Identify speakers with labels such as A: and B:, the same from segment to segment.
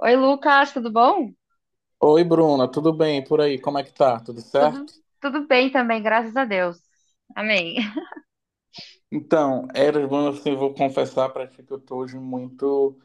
A: Oi, Lucas, tudo bom?
B: Oi, Bruna, tudo bem? E por aí, como é que tá? Tudo
A: Tudo,
B: certo?
A: tudo bem também, graças a Deus. Amém.
B: Então, bom, assim, eu vou confessar para ti que eu tô hoje muito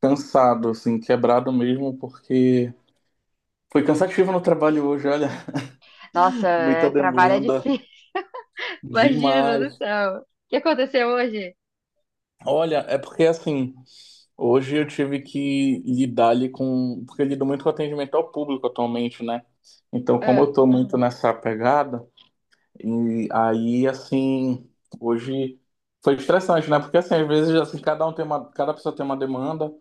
B: cansado, assim, quebrado mesmo, porque foi cansativo no trabalho hoje, olha,
A: Nossa,
B: muita
A: é, trabalho é
B: demanda,
A: difícil. Imagina do
B: demais.
A: céu. O que aconteceu hoje?
B: Olha, é porque assim, hoje eu tive que lidar ali com, porque eu lido muito com atendimento ao público atualmente, né? Então, como
A: Ah,
B: eu tô muito nessa pegada. E aí, assim, hoje foi estressante, né? Porque, assim, às vezes, assim, cada pessoa tem uma demanda,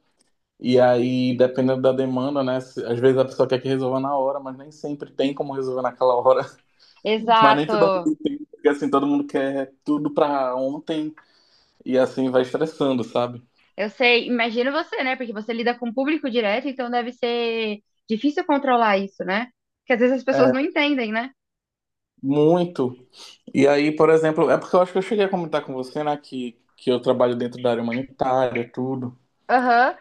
B: e aí, dependendo da demanda, né? Às vezes a pessoa quer que resolva na hora, mas nem sempre tem como resolver naquela hora. Mas nem todo
A: exato.
B: mundo tem, porque, assim, todo mundo quer tudo pra ontem, e assim, vai estressando, sabe?
A: Eu sei, imagino você, né? Porque você lida com o público direto, então deve ser difícil controlar isso, né? Porque às vezes as
B: É,
A: pessoas não entendem, né?
B: muito. E aí, por exemplo, é porque eu acho que eu cheguei a comentar com você, né, que eu trabalho dentro da área humanitária, tudo.
A: Aham.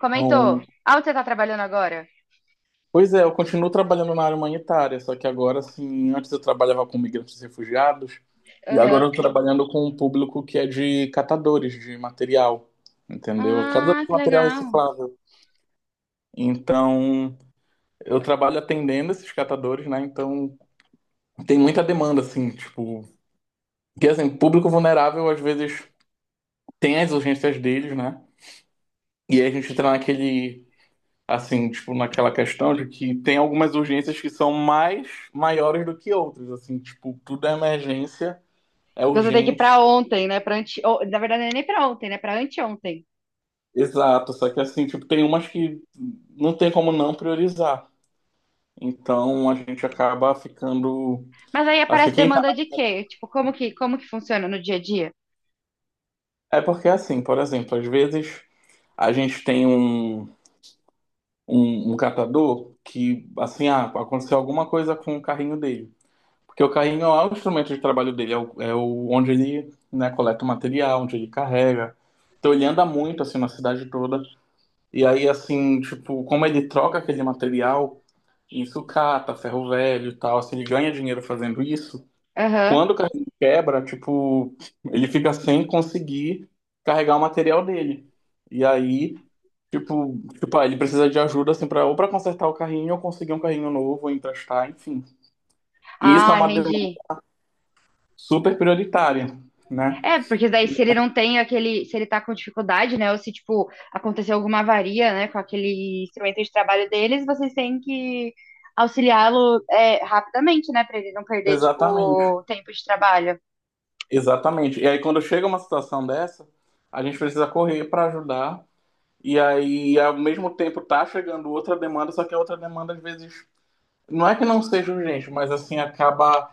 A: Comentou.
B: Então,
A: Ah, onde você tá trabalhando agora?
B: pois é, eu continuo trabalhando na área humanitária, só que agora, assim, antes eu trabalhava com migrantes e refugiados, e agora
A: Aham.
B: eu estou trabalhando com um público que é de catadores de material, entendeu? Catadores
A: Ah,
B: de
A: que
B: material
A: legal.
B: reciclável. Então, eu trabalho atendendo esses catadores, né? Então, tem muita demanda, assim, tipo... Porque, assim, público vulnerável, às vezes, tem as urgências deles, né? E aí a gente entra naquele assim, tipo, naquela questão de que tem algumas urgências que são mais maiores do que outras, assim, tipo, tudo é emergência, é
A: Você tem que ir
B: urgente,
A: pra ontem, né? Pra ante... ou, na verdade, não é nem pra ontem, né? Pra anteontem.
B: exato, só que assim, tipo, tem umas que não tem como não priorizar. Então a gente acaba ficando
A: Mas aí
B: assim,
A: aparece
B: quem tá...
A: demanda de quê? Tipo, como que funciona no dia a dia?
B: é porque assim, por exemplo, às vezes a gente tem um catador que assim, ah, aconteceu alguma coisa com o carrinho dele. Porque o carrinho lá, o instrumento de trabalho dele é o onde ele, né, coleta o material, onde ele carrega. Então ele anda muito assim na cidade toda. E aí assim, tipo, como ele troca aquele material em sucata, ferro velho e tal, assim, ele ganha dinheiro fazendo isso.
A: Aham.
B: Quando o carrinho quebra, tipo, ele fica sem conseguir carregar o material dele. E aí, tipo, ah, ele precisa de ajuda assim para ou para consertar o carrinho ou conseguir um carrinho novo, ou emprestar, enfim. E isso é
A: Ah,
B: uma
A: entendi.
B: super prioritária, né?
A: É, porque daí se ele não tem aquele, se ele tá com dificuldade, né, ou se, tipo, aconteceu alguma avaria, né, com aquele instrumento de trabalho deles, vocês têm que auxiliá-lo, é, rapidamente, né, pra ele não perder,
B: Exatamente,
A: tipo, tempo de trabalho.
B: exatamente. E aí, quando chega uma situação dessa, a gente precisa correr para ajudar. E aí, ao mesmo tempo, tá chegando outra demanda, só que a outra demanda, às vezes, não é que não seja urgente, mas assim, acaba.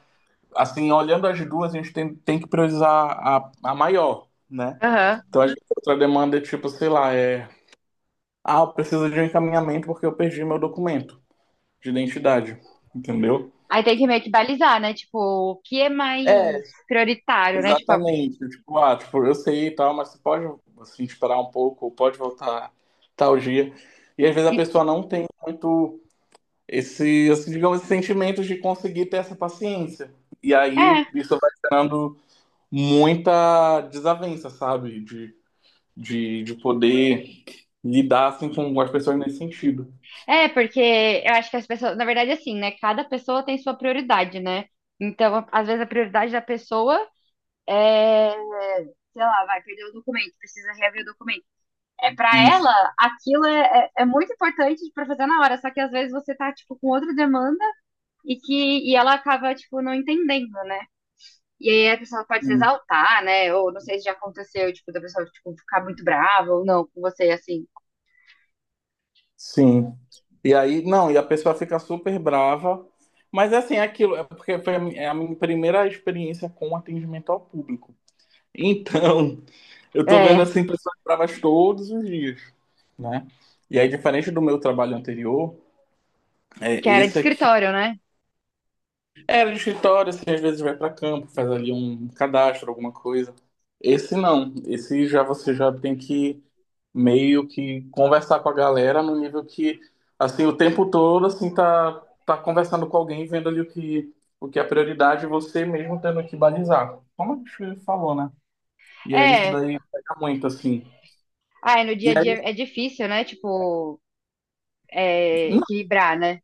B: Assim, olhando as duas, a gente tem que priorizar a maior, né?
A: Aham.
B: Então, às vezes, a outra demanda é tipo, sei lá, é. Ah, eu preciso de um encaminhamento porque eu perdi meu documento de identidade, entendeu?
A: Aí tem que meio que balizar, né, tipo, o que é mais
B: É,
A: prioritário, né, tipo, a-
B: exatamente. Tipo, ah, tipo, eu sei e tal, mas você pode assim, esperar um pouco, ou pode voltar tal dia. E às vezes a
A: e-
B: pessoa não tem muito esse, assim, digamos, esse sentimento de conseguir ter essa paciência. E
A: é,
B: aí isso vai gerando muita desavença, sabe? De poder lidar assim, com as pessoas nesse sentido.
A: é, porque eu acho que as pessoas, na verdade, é assim, né? Cada pessoa tem sua prioridade, né? Então, a- às vezes a prioridade da pessoa é, sei lá, vai perder o documento, precisa reaver o documento. É para
B: Isso.
A: ela, aquilo é muito importante para fazer na hora, só que às vezes você tá, tipo, com outra demanda e ela acaba, tipo, não entendendo, né? E aí a pessoa pode se exaltar, né? Ou não sei se já aconteceu, tipo, da pessoa, tipo, ficar muito brava ou não com você, assim.
B: Sim. E aí, não, e a pessoa fica super brava. Mas assim, é aquilo, é porque foi é a minha primeira experiência com atendimento ao público. Então, eu tô vendo
A: É,
B: assim pessoas bravas todos os dias, né? E aí, diferente do meu trabalho anterior, é,
A: que era de
B: esse aqui
A: escritório, né?
B: era de escritório, assim, às vezes vai para campo, faz ali um cadastro, alguma coisa. Esse não, esse já você já tem que meio que conversar com a galera no nível que, assim, o tempo todo, assim, tá conversando com alguém, vendo ali o que é prioridade, e você mesmo tendo que balizar. Como a gente falou, né? E aí isso
A: É,
B: daí pega muito, assim.
A: ah, é no
B: E
A: dia a
B: aí,
A: dia é difícil, né? Tipo, é,
B: não,
A: equilibrar, né?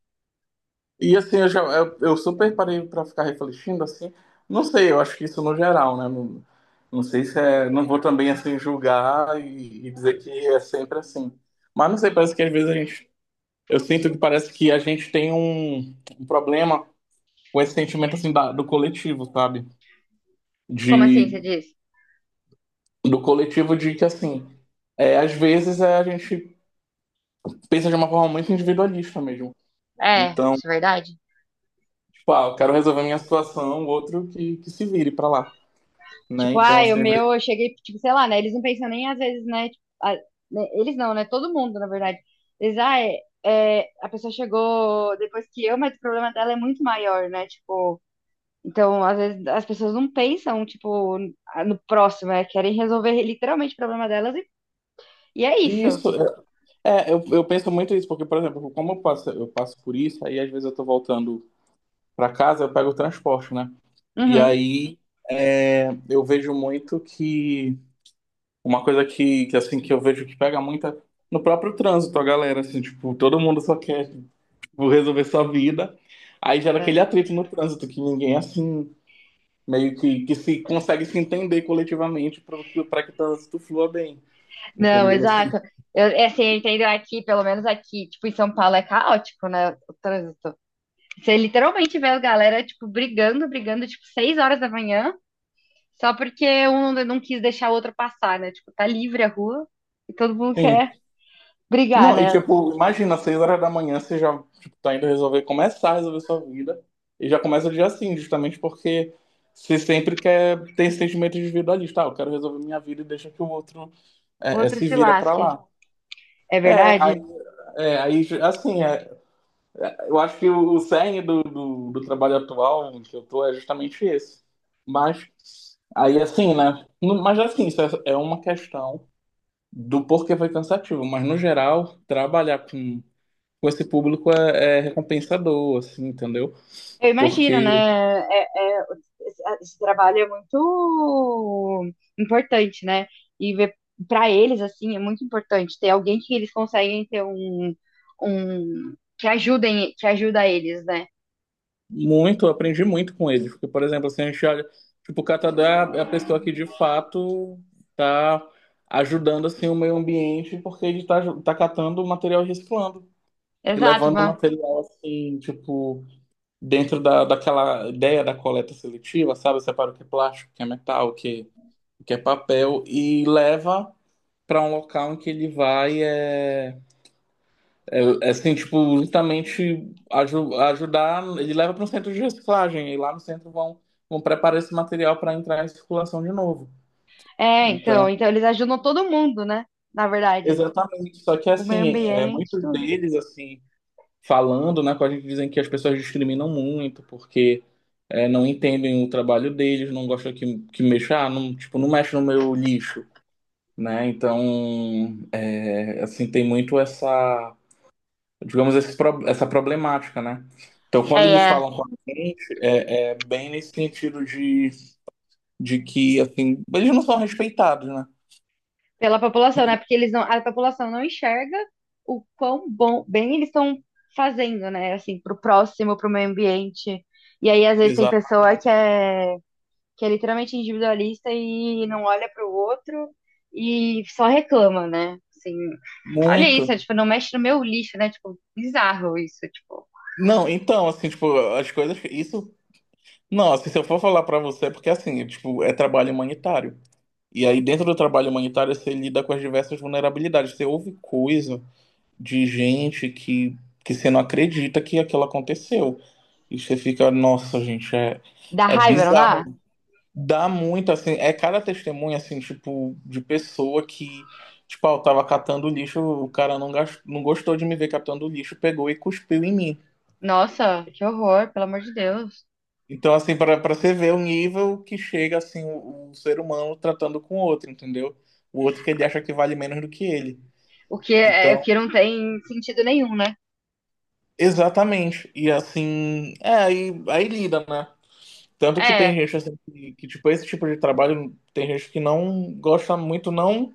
B: e assim, eu, já, eu super parei pra ficar refletindo, assim, não sei, eu acho que isso no geral, né? Não, não sei se é, não vou também, assim, julgar e dizer que é sempre assim. Mas não sei, parece que às vezes a gente eu sinto que parece que a gente tem um problema com esse sentimento assim do coletivo, sabe?
A: Como assim você
B: De,
A: diz?
B: do coletivo de que assim, é, às vezes é, a gente pensa de uma forma muito individualista mesmo.
A: É,
B: Então,
A: isso é verdade.
B: tipo, ah, eu quero resolver minha situação, o outro que se vire pra lá, né?
A: Tipo, ah,
B: Então,
A: o
B: assim,
A: meu, eu cheguei, tipo, sei lá, né? Eles não pensam nem às vezes, né? Tipo, a- né, eles não, né? Todo mundo, na verdade. Eles, ah, é, é, a pessoa chegou depois que eu, mas o problema dela é muito maior, né? Tipo, então, às vezes, as pessoas não pensam, tipo, no próximo, né? Querem resolver literalmente o problema delas e é
B: e
A: isso.
B: isso, é, eu penso muito isso, porque, por exemplo, eu passo por isso, aí às vezes eu tô voltando pra casa, eu pego o transporte, né? E
A: Uhum.
B: aí é, eu vejo muito que uma coisa que, assim, que eu vejo que pega muita no próprio trânsito, a galera, assim, tipo, todo mundo só quer, tipo, resolver sua vida. Aí gera
A: É.
B: aquele atrito no trânsito, que ninguém, assim, meio que se consegue se entender coletivamente para que o trânsito flua bem,
A: Não,
B: entendeu? Assim,
A: exato. Eu, é assim, eu entendo aqui, pelo menos aqui, tipo, em São Paulo é caótico, né, o trânsito. Você literalmente vê a galera, tipo, brigando, tipo, 6 horas da manhã, só porque um não quis deixar o outro passar, né? Tipo, tá livre a rua e todo mundo quer
B: sim.
A: brigar,
B: Não, e
A: né?
B: tipo, imagina, às seis horas da manhã você já tipo, tá indo resolver, começar a resolver sua vida, e já começa o dia assim, justamente porque você sempre quer ter esse sentimento de individualista, ah, eu quero resolver minha vida e deixa que o outro
A: O outro
B: se
A: se
B: vira pra
A: lasque.
B: lá.
A: É
B: É,
A: verdade?
B: aí, é, aí, assim, é, eu acho que o cerne do trabalho atual em que eu tô é justamente esse. Mas, aí assim, né, mas assim, isso é uma questão do porquê foi cansativo, mas no geral, trabalhar com esse público é recompensador, assim, entendeu?
A: Eu imagino,
B: Porque
A: né? É- é- esse trabalho é muito importante, né? E para eles, assim, é muito importante ter alguém que eles conseguem ter um, um que ajudem, que ajuda eles, né?
B: muito, eu aprendi muito com eles. Porque, por exemplo, assim, a gente olha, tipo, o catador é a pessoa que de fato tá ajudando, assim, o meio ambiente, porque ele tá, tá catando o material e reciclando. E
A: Exato,
B: levando o
A: mano.
B: material, assim, tipo, daquela ideia da coleta seletiva, sabe? Separa o que é plástico, o que é metal, o que é papel, e leva para um local em que ele vai. É, assim, tipo, justamente ajudar, ele leva para um centro de reciclagem, e lá no centro vão preparar esse material para entrar em circulação de novo.
A: É,
B: Então,
A: então, então eles ajudam todo mundo, né? Na verdade,
B: exatamente, só que
A: o meio
B: assim, é,
A: ambiente,
B: muitos
A: tudo.
B: deles, assim, falando, né, com a gente dizem que as pessoas discriminam muito, porque é, não entendem o trabalho deles, não gostam que mexa, ah, não, tipo, não mexe no meu lixo, né? Então, é, assim, tem muito essa digamos, essa problemática, né? Então, quando
A: É,
B: eles
A: é.
B: falam com a gente, é bem nesse sentido de que, assim, eles não são respeitados, né?
A: Pela população, né? Porque eles não, a população não enxerga o quão bom, bem eles estão fazendo, né? Assim, pro próximo, pro meio ambiente. E aí, às vezes, tem
B: Exato.
A: pessoa que é literalmente individualista e não olha pro outro e só reclama, né? Assim, olha
B: Muito.
A: isso, tipo, não mexe no meu lixo, né? Tipo, bizarro isso, tipo.
B: Não, então, assim, tipo, as coisas, isso... Não, assim, se eu for falar pra você, é porque, assim, tipo, é trabalho humanitário. E aí, dentro do trabalho humanitário, você lida com as diversas vulnerabilidades. Você ouve coisa de gente que você não acredita que aquilo aconteceu. E você fica, nossa, gente,
A: Dá
B: é
A: raiva, não
B: bizarro.
A: dá?
B: Dá muito, assim, é cada testemunha, assim, tipo, de pessoa que, tipo, ah, eu tava catando lixo, o cara não gostou de me ver catando lixo, pegou e cuspiu em mim.
A: Nossa, que horror, pelo amor de Deus.
B: Então, assim, para você ver o nível que chega, assim, o ser humano tratando com o outro, entendeu? O outro que ele acha que vale menos do que ele.
A: O que, é, o
B: Então,
A: que não tem sentido nenhum, né?
B: exatamente. E, assim, é, aí lida, né? Tanto que tem
A: É,
B: gente, assim, tipo, esse tipo de trabalho, tem gente que não gosta muito, não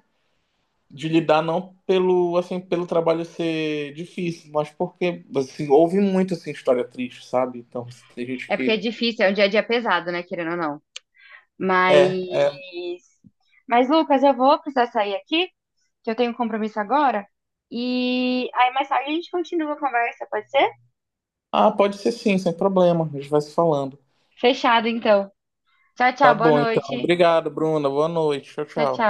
B: de lidar não pelo assim pelo trabalho ser difícil, mas porque assim, houve muito assim história triste, sabe? Então assim, tem gente
A: é porque é
B: que
A: difícil, é um dia a dia pesado, né, querendo ou não. Mas.
B: é, é,
A: Mas, Lucas, eu vou precisar sair aqui, que eu tenho um compromisso agora. E aí mais tarde a gente continua a conversa, pode ser?
B: ah, pode ser sim, sem problema, a gente vai se falando.
A: Fechado, então. Tchau,
B: Tá
A: tchau, boa
B: bom, então.
A: noite.
B: Obrigado, Bruna. Boa noite. Tchau,
A: Tchau,
B: tchau.
A: tchau.